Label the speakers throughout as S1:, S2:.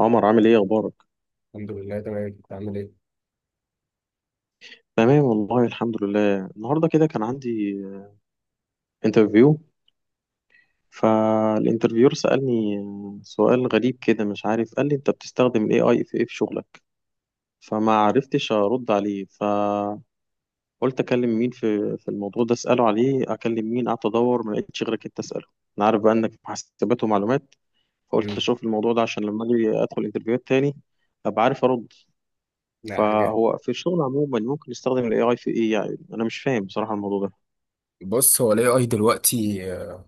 S1: عمر، عامل ايه؟ اخبارك؟
S2: الحمد لله، تمام. انت عامل ايه؟
S1: تمام والله الحمد لله. النهارده كده كان عندي انترفيو. فالانترفيور سألني سؤال غريب كده، مش عارف، قال لي انت بتستخدم الاي اي في ايه في شغلك؟ فما عرفتش ارد عليه. فقلت اكلم مين في الموضوع ده اساله عليه؟ اكلم مين؟ قعدت ادور، ما لقيتش غيرك انت اساله. انا عارف بقى انك في حاسبات ومعلومات، فقلت
S2: امم
S1: اشوف الموضوع ده عشان لما اجي ادخل انترفيوهات تاني ابقى عارف ارد.
S2: لا حاجه.
S1: فهو في الشغل عموما ممكن نستخدم الاي اي في ايه؟ يعني انا مش فاهم بصراحة الموضوع ده.
S2: بص، هو الاي اي دلوقتي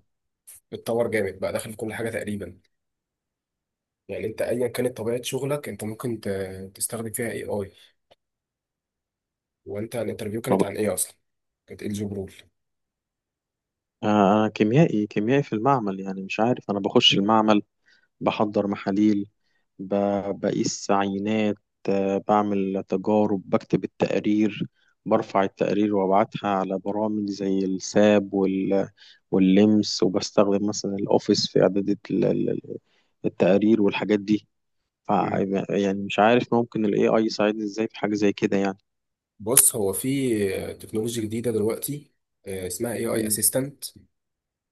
S2: اتطور جامد، بقى داخل في كل حاجه تقريبا. يعني انت ايا كانت طبيعه شغلك، انت ممكن تستخدم فيها اي اي. وانت الانترفيو كانت
S1: طب،
S2: عن ايه اصلا؟ كانت ايه الجوب رول؟
S1: أنا كيميائي، كيميائي في المعمل، يعني مش عارف. أنا بخش المعمل، بحضر محاليل، ب- بقيس عينات، بعمل تجارب، بكتب التقارير، برفع التقارير وأبعتها على برامج زي الساب واللمس، وبستخدم مثلا الأوفيس في إعداد التقارير والحاجات دي. ف
S2: مم.
S1: يعني مش عارف ممكن ال AI يساعدني إزاي في حاجة زي كده يعني.
S2: بص هو في تكنولوجيا جديده دلوقتي، اسمها اي اي
S1: مم.
S2: اسيستنت.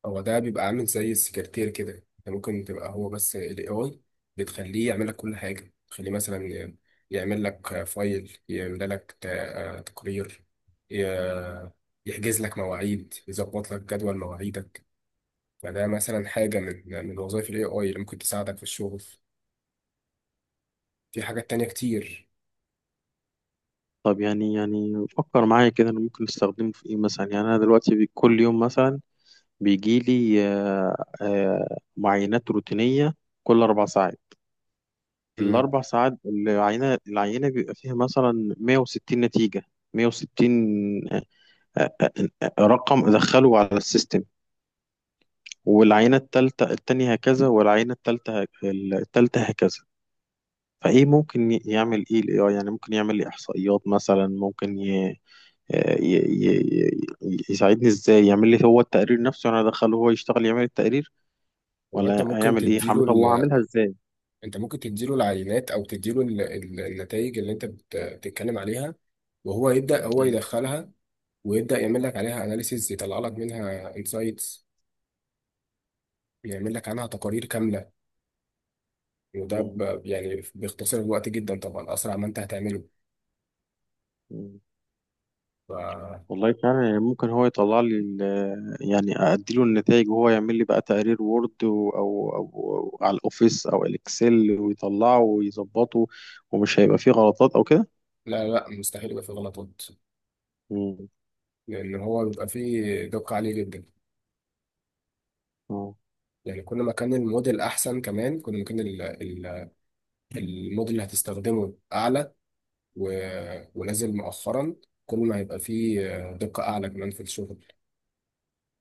S2: هو ده بيبقى عامل زي السكرتير كده. انت ممكن تبقى هو، بس ال AI بتخليه يعمل لك كل حاجة. تخليه مثلا يعمل لك فايل، يعمل لك تقرير، ي- يحجز لك مواعيد، يظبط لك جدول مواعيدك. فده مثلا حاجة من وظائف ال AI اللي ممكن تساعدك في الشغل. في حاجات تانية كتير.
S1: طب، يعني فكر معايا كده، أنا ممكن أستخدمه في إيه مثلا؟ يعني أنا دلوقتي كل يوم مثلا بيجيلي، معاينات روتينية كل أربع ساعات.
S2: مم.
S1: الأربع ساعات العينة بيبقى فيها مثلا 160 نتيجة. 160 آه، آه، رقم أدخله على السيستم، والعينة التانية هكذا، والعينة التالتة هكذا. فإيه ممكن يعمل إيه ال AI؟ يعني ممكن يعمل لي إحصائيات مثلا، ممكن ي... آه، ي... ي... ي- يساعدني إزاي؟ يعمل لي هو التقرير نفسه، أنا أدخله هو يشتغل يعمل التقرير
S2: هو انت
S1: ولا
S2: ممكن
S1: هيعمل ايه؟ هعمل،
S2: تديله
S1: طب وهعملها ازاي؟
S2: انت ممكن تديله العينات او تديله النتائج اللي انت بتتكلم عليها. وهو يبدأ، هو
S1: أيوة.
S2: يدخلها ويبدأ يعمل لك عليها اناليسيز، يطلع لك منها انسايتس، يعمل لك عنها تقارير كاملة. وده
S1: مم.
S2: يعني بيختصر الوقت جدا، طبعا أسرع ما أنت هتعمله.
S1: مم.
S2: ف...
S1: والله فعلا، يعني ممكن هو يطلع لي يعني اديله النتائج وهو يعمل لي بقى تقرير وورد، او أو على الاوفيس او الاكسل، ويطلعه ويظبطه، ومش هيبقى فيه غلطات او كده.
S2: لا لا، مستحيل يبقى فيه غلطات،
S1: مم.
S2: لأن هو بيبقى فيه دقة عالية جدا.
S1: اه.
S2: يعني كل ما كان الموديل أحسن كمان، كل ما كان الموديل اللي هتستخدمه أعلى و... ونازل مؤخرا، كل ما هيبقى فيه دقة أعلى كمان في الشغل.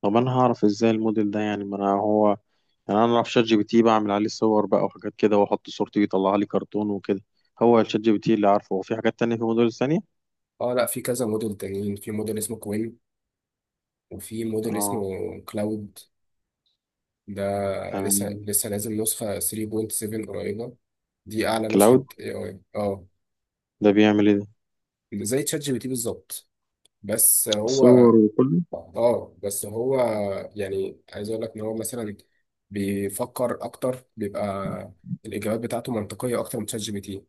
S1: طب انا هعرف ازاي الموديل ده؟ يعني ما انا هو، يعني انا اعرف شات جي بي تي، بعمل عليه صور بقى وحاجات كده، واحط صورتي ويطلع لي كرتون وكده. هو الشات جي بي تي اللي عارفه، هو في حاجات تانية، في موديل ثانية؟
S2: اه لا، في كذا موديل تانيين. في موديل اسمه كوين، وفي موديل اسمه
S1: اه.
S2: كلاود. ده لسه
S1: تمام.
S2: لسه نازل نسخة 3.7 قريبة. دي أعلى نسخة
S1: كلاود
S2: AI. اه،
S1: ده بيعمل ايه ده؟
S2: زي تشات جي بي تي بالظبط. بس هو
S1: صور وكله؟
S2: اه بس هو يعني عايز أقول لك إن هو مثلا بيفكر أكتر، بيبقى الإجابات بتاعته منطقية أكتر من تشات جي بي تي.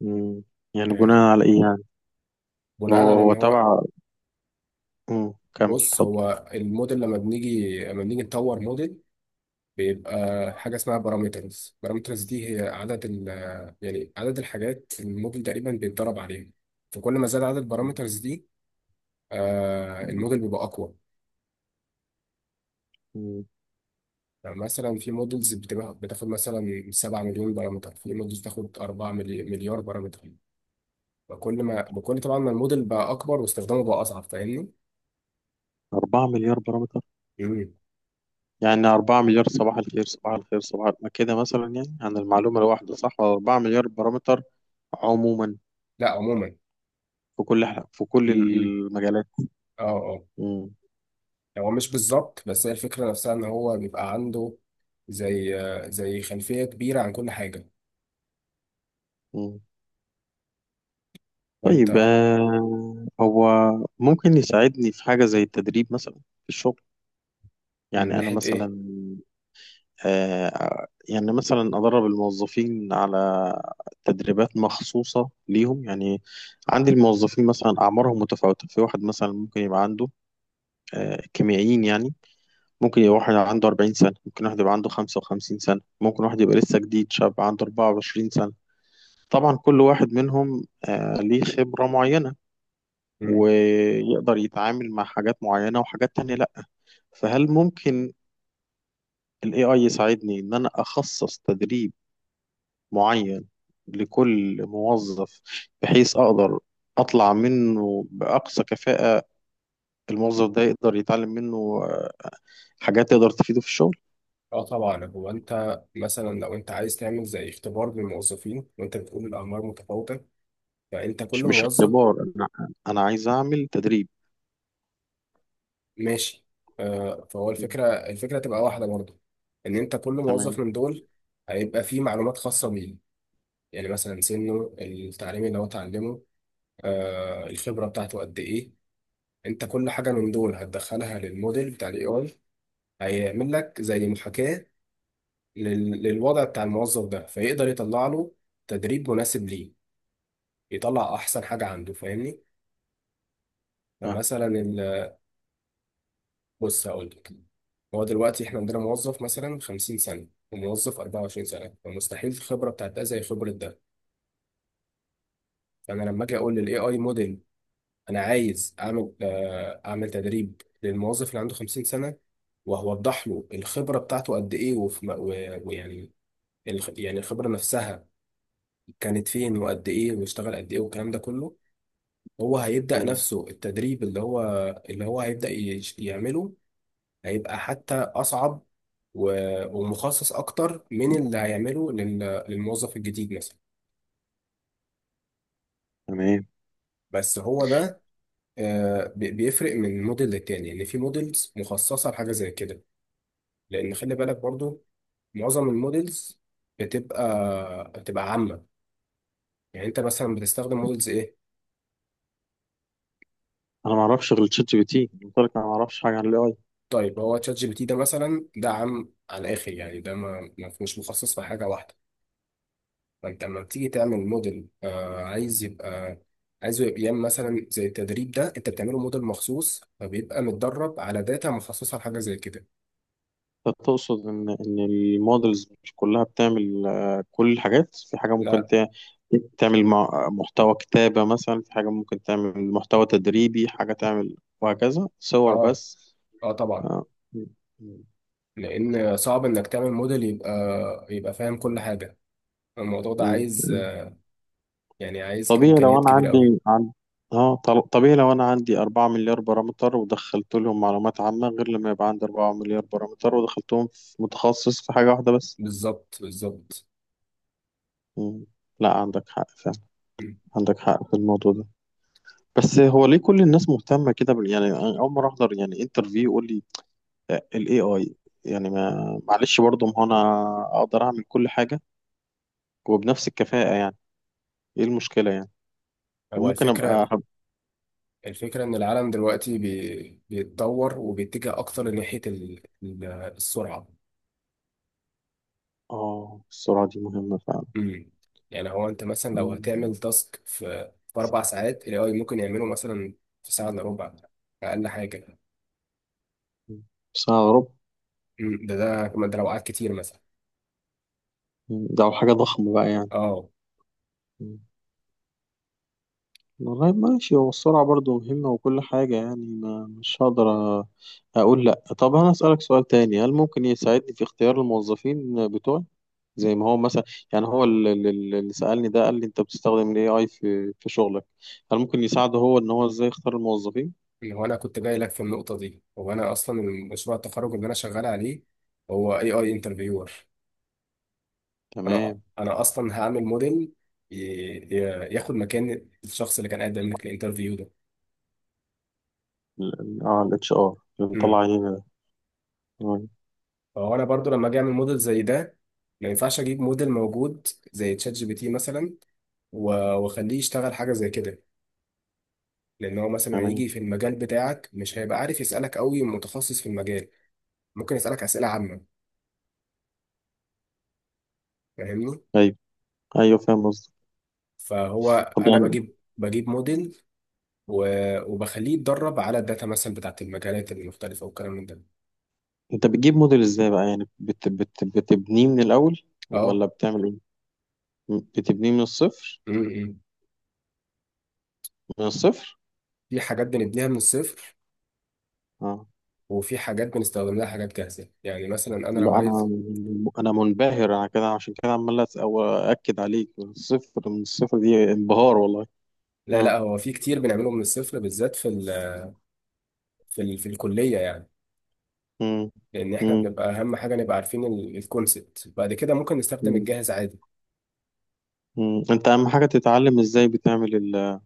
S1: مم. يعني
S2: يعني
S1: بناء على إيه يعني؟
S2: بناء
S1: هو
S2: على إن
S1: هو
S2: هو.
S1: تبع. مم، كمل
S2: بص
S1: اتفضل.
S2: هو الموديل، لما بنيجي نطور موديل، بيبقى حاجة اسمها بارامترز. بارامترز دي هي عدد ال. يعني عدد الحاجات الموديل تقريبا بيتدرب عليها. فكل ما زاد عدد
S1: مم.
S2: البارامترز دي، الموديل بيبقى أقوى.
S1: مم.
S2: يعني مثلا في موديلز بتبقى بتاخد مثلا 7 مليون بارامتر، في موديلز بتاخد 4 مليار بارامتر. فكل ما بكل، طبعا، ما الموديل بقى أكبر واستخدامه بقى أصعب، فاهمني؟
S1: أربعة مليار بارامتر؟
S2: مم.
S1: يعني أربعة مليار صباح الخير صباح الخير صباح الخير. ما كده مثلا يعني عن المعلومة الواحدة، صح؟ ولا أربعة مليار بارامتر عموما
S2: لا، عموما.
S1: في في كل
S2: امم
S1: المجالات؟
S2: اه اه،
S1: مم.
S2: يعني هو مش بالظبط، بس هي الفكرة نفسها إن هو بيبقى عنده زي خلفية كبيرة عن كل حاجة.
S1: مم.
S2: فانت.
S1: طيب، هو ممكن يساعدني في حاجة زي التدريب مثلا في الشغل؟
S2: من
S1: يعني أنا
S2: ناحية ايه؟
S1: مثلا، يعني مثلا أدرب الموظفين على تدريبات مخصوصة ليهم يعني. عندي الموظفين مثلا أعمارهم متفاوتة. في واحد مثلا ممكن يبقى عنده، كيميائيين يعني، ممكن يبقى واحد عنده 40 سنة، ممكن واحد يبقى عنده 55 سنة، ممكن واحد يبقى لسه جديد شاب عنده 24 سنة. طبعا كل واحد منهم ليه خبرة معينة،
S2: مم.
S1: ويقدر يتعامل مع حاجات معينة وحاجات تانية لأ. فهل ممكن ال AI يساعدني إن أنا أخصص تدريب معين لكل موظف، بحيث أقدر أطلع منه بأقصى كفاءة؟ الموظف ده يقدر يتعلم منه آه، حاجات تقدر تفيده في الشغل.
S2: اه طبعا، هو انت مثلا لو انت عايز تعمل زي اختبار للموظفين، وانت بتقول الاعمار متفاوتة، فانت كل
S1: مش
S2: موظف.
S1: اختبار، أنا أنا عايز أعمل تدريب.
S2: ماشي. فهو
S1: مم.
S2: الفكرة تبقى واحدة برضه. ان انت كل موظف
S1: تمام.
S2: من دول هيبقى فيه معلومات خاصة بيه. يعني مثلا سنه التعليم اللي هو اتعلمه، الخبرة بتاعته قد ايه. انت كل حاجة من دول هتدخلها للموديل بتاع الاي اي. هيعمل لك زي محاكاة للوضع بتاع الموظف ده، فيقدر يطلع له تدريب مناسب ليه، يطلع احسن حاجه عنده، فاهمني.
S1: آه.
S2: فمثلا بص هقول لك. هو دلوقتي احنا عندنا موظف مثلا 50 سنه، وموظف 24 سنه، فمستحيل الخبره بتاعت ده زي خبره ده. فانا لما اجي اقول للاي اي موديل انا عايز اعمل تدريب للموظف اللي عنده 50 سنه، وهوضح له الخبره بتاعته قد ايه، وفي ويعني يعني الخبره نفسها كانت فين، وقد ايه، واشتغل قد ايه، والكلام ده كله. هو هيبدأ
S1: مم.
S2: نفسه التدريب اللي هو. اللي هو هيبدأ يعمله. هيبقى حتى أصعب ومخصص أكتر من اللي هيعمله للموظف الجديد مثلا.
S1: تمام.
S2: بس هو ده. بيفرق من موديل للتاني. يعني في موديلز مخصصة لحاجة زي كده، لأن خلي بالك برضو معظم الموديلز بتبقى عامة. يعني أنت مثلا بتستخدم موديلز إيه؟
S1: أنا ما أعرفش غير تشات جي بي تي، قلت لك أنا ما أعرفش حاجة عن ال.
S2: طيب، هو تشات جي بي تي ده مثلا ده عام على الآخر. يعني ده مش مخصص في حاجة واحدة. فانت لما بتيجي تعمل موديل عايز يبقى، عايزه يبقى يعمل مثلا زي التدريب ده، انت بتعمله موديل مخصوص، فبيبقى متدرب على داتا مخصصه لحاجه زي كده.
S1: تقصد ان ان المودلز مش كلها بتعمل، كل الحاجات؟ في حاجه ممكن
S2: لا.
S1: تعمل محتوى كتابه مثلا، في حاجه ممكن تعمل محتوى تدريبي، حاجه تعمل وهكذا صور
S2: اه
S1: بس؟
S2: اه طبعا.
S1: آه. م-
S2: لان صعب انك تعمل موديل يبقى، يبقى فاهم كل حاجه. الموضوع ده
S1: م-
S2: عايز
S1: م.
S2: يعني عايز
S1: طبيعي لو
S2: امكانيات
S1: انا
S2: كبيره قوي.
S1: عندي عن، طبيعي لو انا عندي 4 مليار بارامتر ودخلت لهم معلومات عامه، غير لما يبقى عندي 4 مليار بارامتر ودخلتهم في متخصص في حاجه واحده بس.
S2: بالظبط بالظبط.
S1: م. لا عندك حق فعلا،
S2: م.
S1: عندك حق في الموضوع ده. بس هو ليه كل الناس مهتمة كده يعني؟ أنا أول مرة أحضر يعني انترفيو يقول لي، ال AI. يعني ما معلش برضه، ما هو أنا أقدر أعمل كل حاجة وبنفس الكفاءة يعني، إيه المشكلة يعني؟
S2: هو
S1: وممكن
S2: الفكره،
S1: أبقى
S2: الفكره ان العالم دلوقتي بيتطور وبيتجه اكتر ناحيه السرعه.
S1: آه، السرعة دي مهمة فعلا.
S2: امم يعني هو انت مثلا لو هتعمل
S1: مم.
S2: تاسك في 4 ساعات، الاي اي ممكن يعمله مثلا في ساعه الا ربع، اقل حاجه.
S1: بس أنا أغرب.
S2: ده كمان، ده لو قعد كتير مثلا.
S1: ده حاجة ضخمة بقى يعني.
S2: اه،
S1: مم. والله ماشي، هو السرعة برضه مهمة وكل حاجة، يعني ما مش هقدر أ- أقول لأ. طب أنا أسألك سؤال تاني، هل ممكن يساعدني في اختيار الموظفين بتوعي؟ زي ما هو مثلا، يعني هو اللي سألني ده قال لي انت بتستخدم الاي اي في شغلك. هل ممكن يساعده هو ان هو ازاي يختار الموظفين؟
S2: هو انا كنت جاي لك في النقطه دي. هو انا اصلا مشروع التخرج اللي انا شغال عليه هو اي اي انترفيور. انا
S1: تمام.
S2: انا اصلا هعمل موديل ي- ياخد مكان الشخص اللي كان قدم لك الانترفيو ده.
S1: الاتش ار اللي مطلع
S2: امم.
S1: عينينا ده. آه،
S2: فهو انا برضو لما اجي اعمل موديل زي ده، ما ينفعش اجيب موديل موجود زي تشات جي بي تي مثلا و- واخليه يشتغل حاجة زي كده. لأن هو مثلا
S1: تمام.
S2: هيجي في المجال بتاعك مش هيبقى عارف يسألك قوي متخصص في المجال. ممكن يسألك أسئلة عامة، فاهمني.
S1: ايوه. ايوه فاهم قصدك.
S2: فهو
S1: طب
S2: أنا
S1: يعني
S2: بجيب موديل وبخليه يتدرب على الداتا مثلا بتاعت المجالات المختلفة والكلام من ده.
S1: انت بتجيب موديل ازاي بقى؟ يعني بت بت بتبنيه من الاول
S2: اه.
S1: ولا بتعمل ايه؟ بتبنيه من الصفر؟
S2: م- م.
S1: من الصفر؟
S2: في حاجات بنبنيها من الصفر،
S1: اه.
S2: وفي حاجات بنستخدم لها حاجات جاهزة. يعني مثلا أنا لو
S1: لا انا،
S2: عايز.
S1: انا منبهر انا كده، عشان كده عمال أس- أو اكد عليك من الصفر. من الصفر دي انبهار والله.
S2: لا لا،
S1: اه.
S2: هو في كتير بنعمله من الصفر، بالذات في الكلية يعني.
S1: مم.
S2: لان احنا
S1: مم.
S2: بنبقى اهم حاجه نبقى عارفين الكونسبت. بعد كده ممكن نستخدم
S1: مم.
S2: الجاهز عادي.
S1: مم. انت اهم حاجه تتعلم ازاي بتعمل ال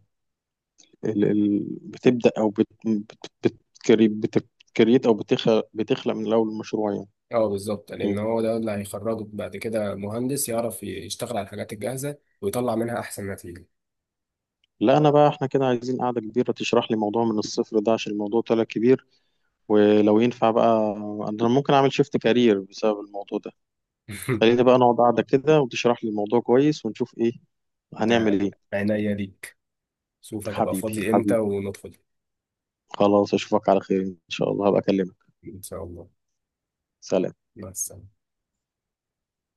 S1: ال ال بتبدا، او بت بت بتكري بت- بتكريت، او بتخلق بتخلق من الاول المشروع يعني.
S2: اه بالظبط، لان
S1: مم.
S2: هو ده اللي هيخرجك بعد كده مهندس يعرف يشتغل على الحاجات الجاهزه ويطلع منها احسن نتيجه.
S1: لا انا بقى، احنا كده عايزين قاعده كبيره تشرح لي موضوع من الصفر ده، عشان الموضوع طلع كبير. ولو ينفع بقى، انا ممكن اعمل شيفت كارير بسبب الموضوع ده. خلينا بقى نقعد قاعده كده، وتشرح لي الموضوع كويس، ونشوف ايه
S2: ده
S1: هنعمل ايه.
S2: عينيا ليك. شوف هتبقى
S1: حبيبي،
S2: فاضي امتى
S1: حبيبي.
S2: وندخل.
S1: خلاص اشوفك على خير ان شاء الله، هبقى اكلمك.
S2: ان شاء الله.
S1: سلام.
S2: مع السلامه.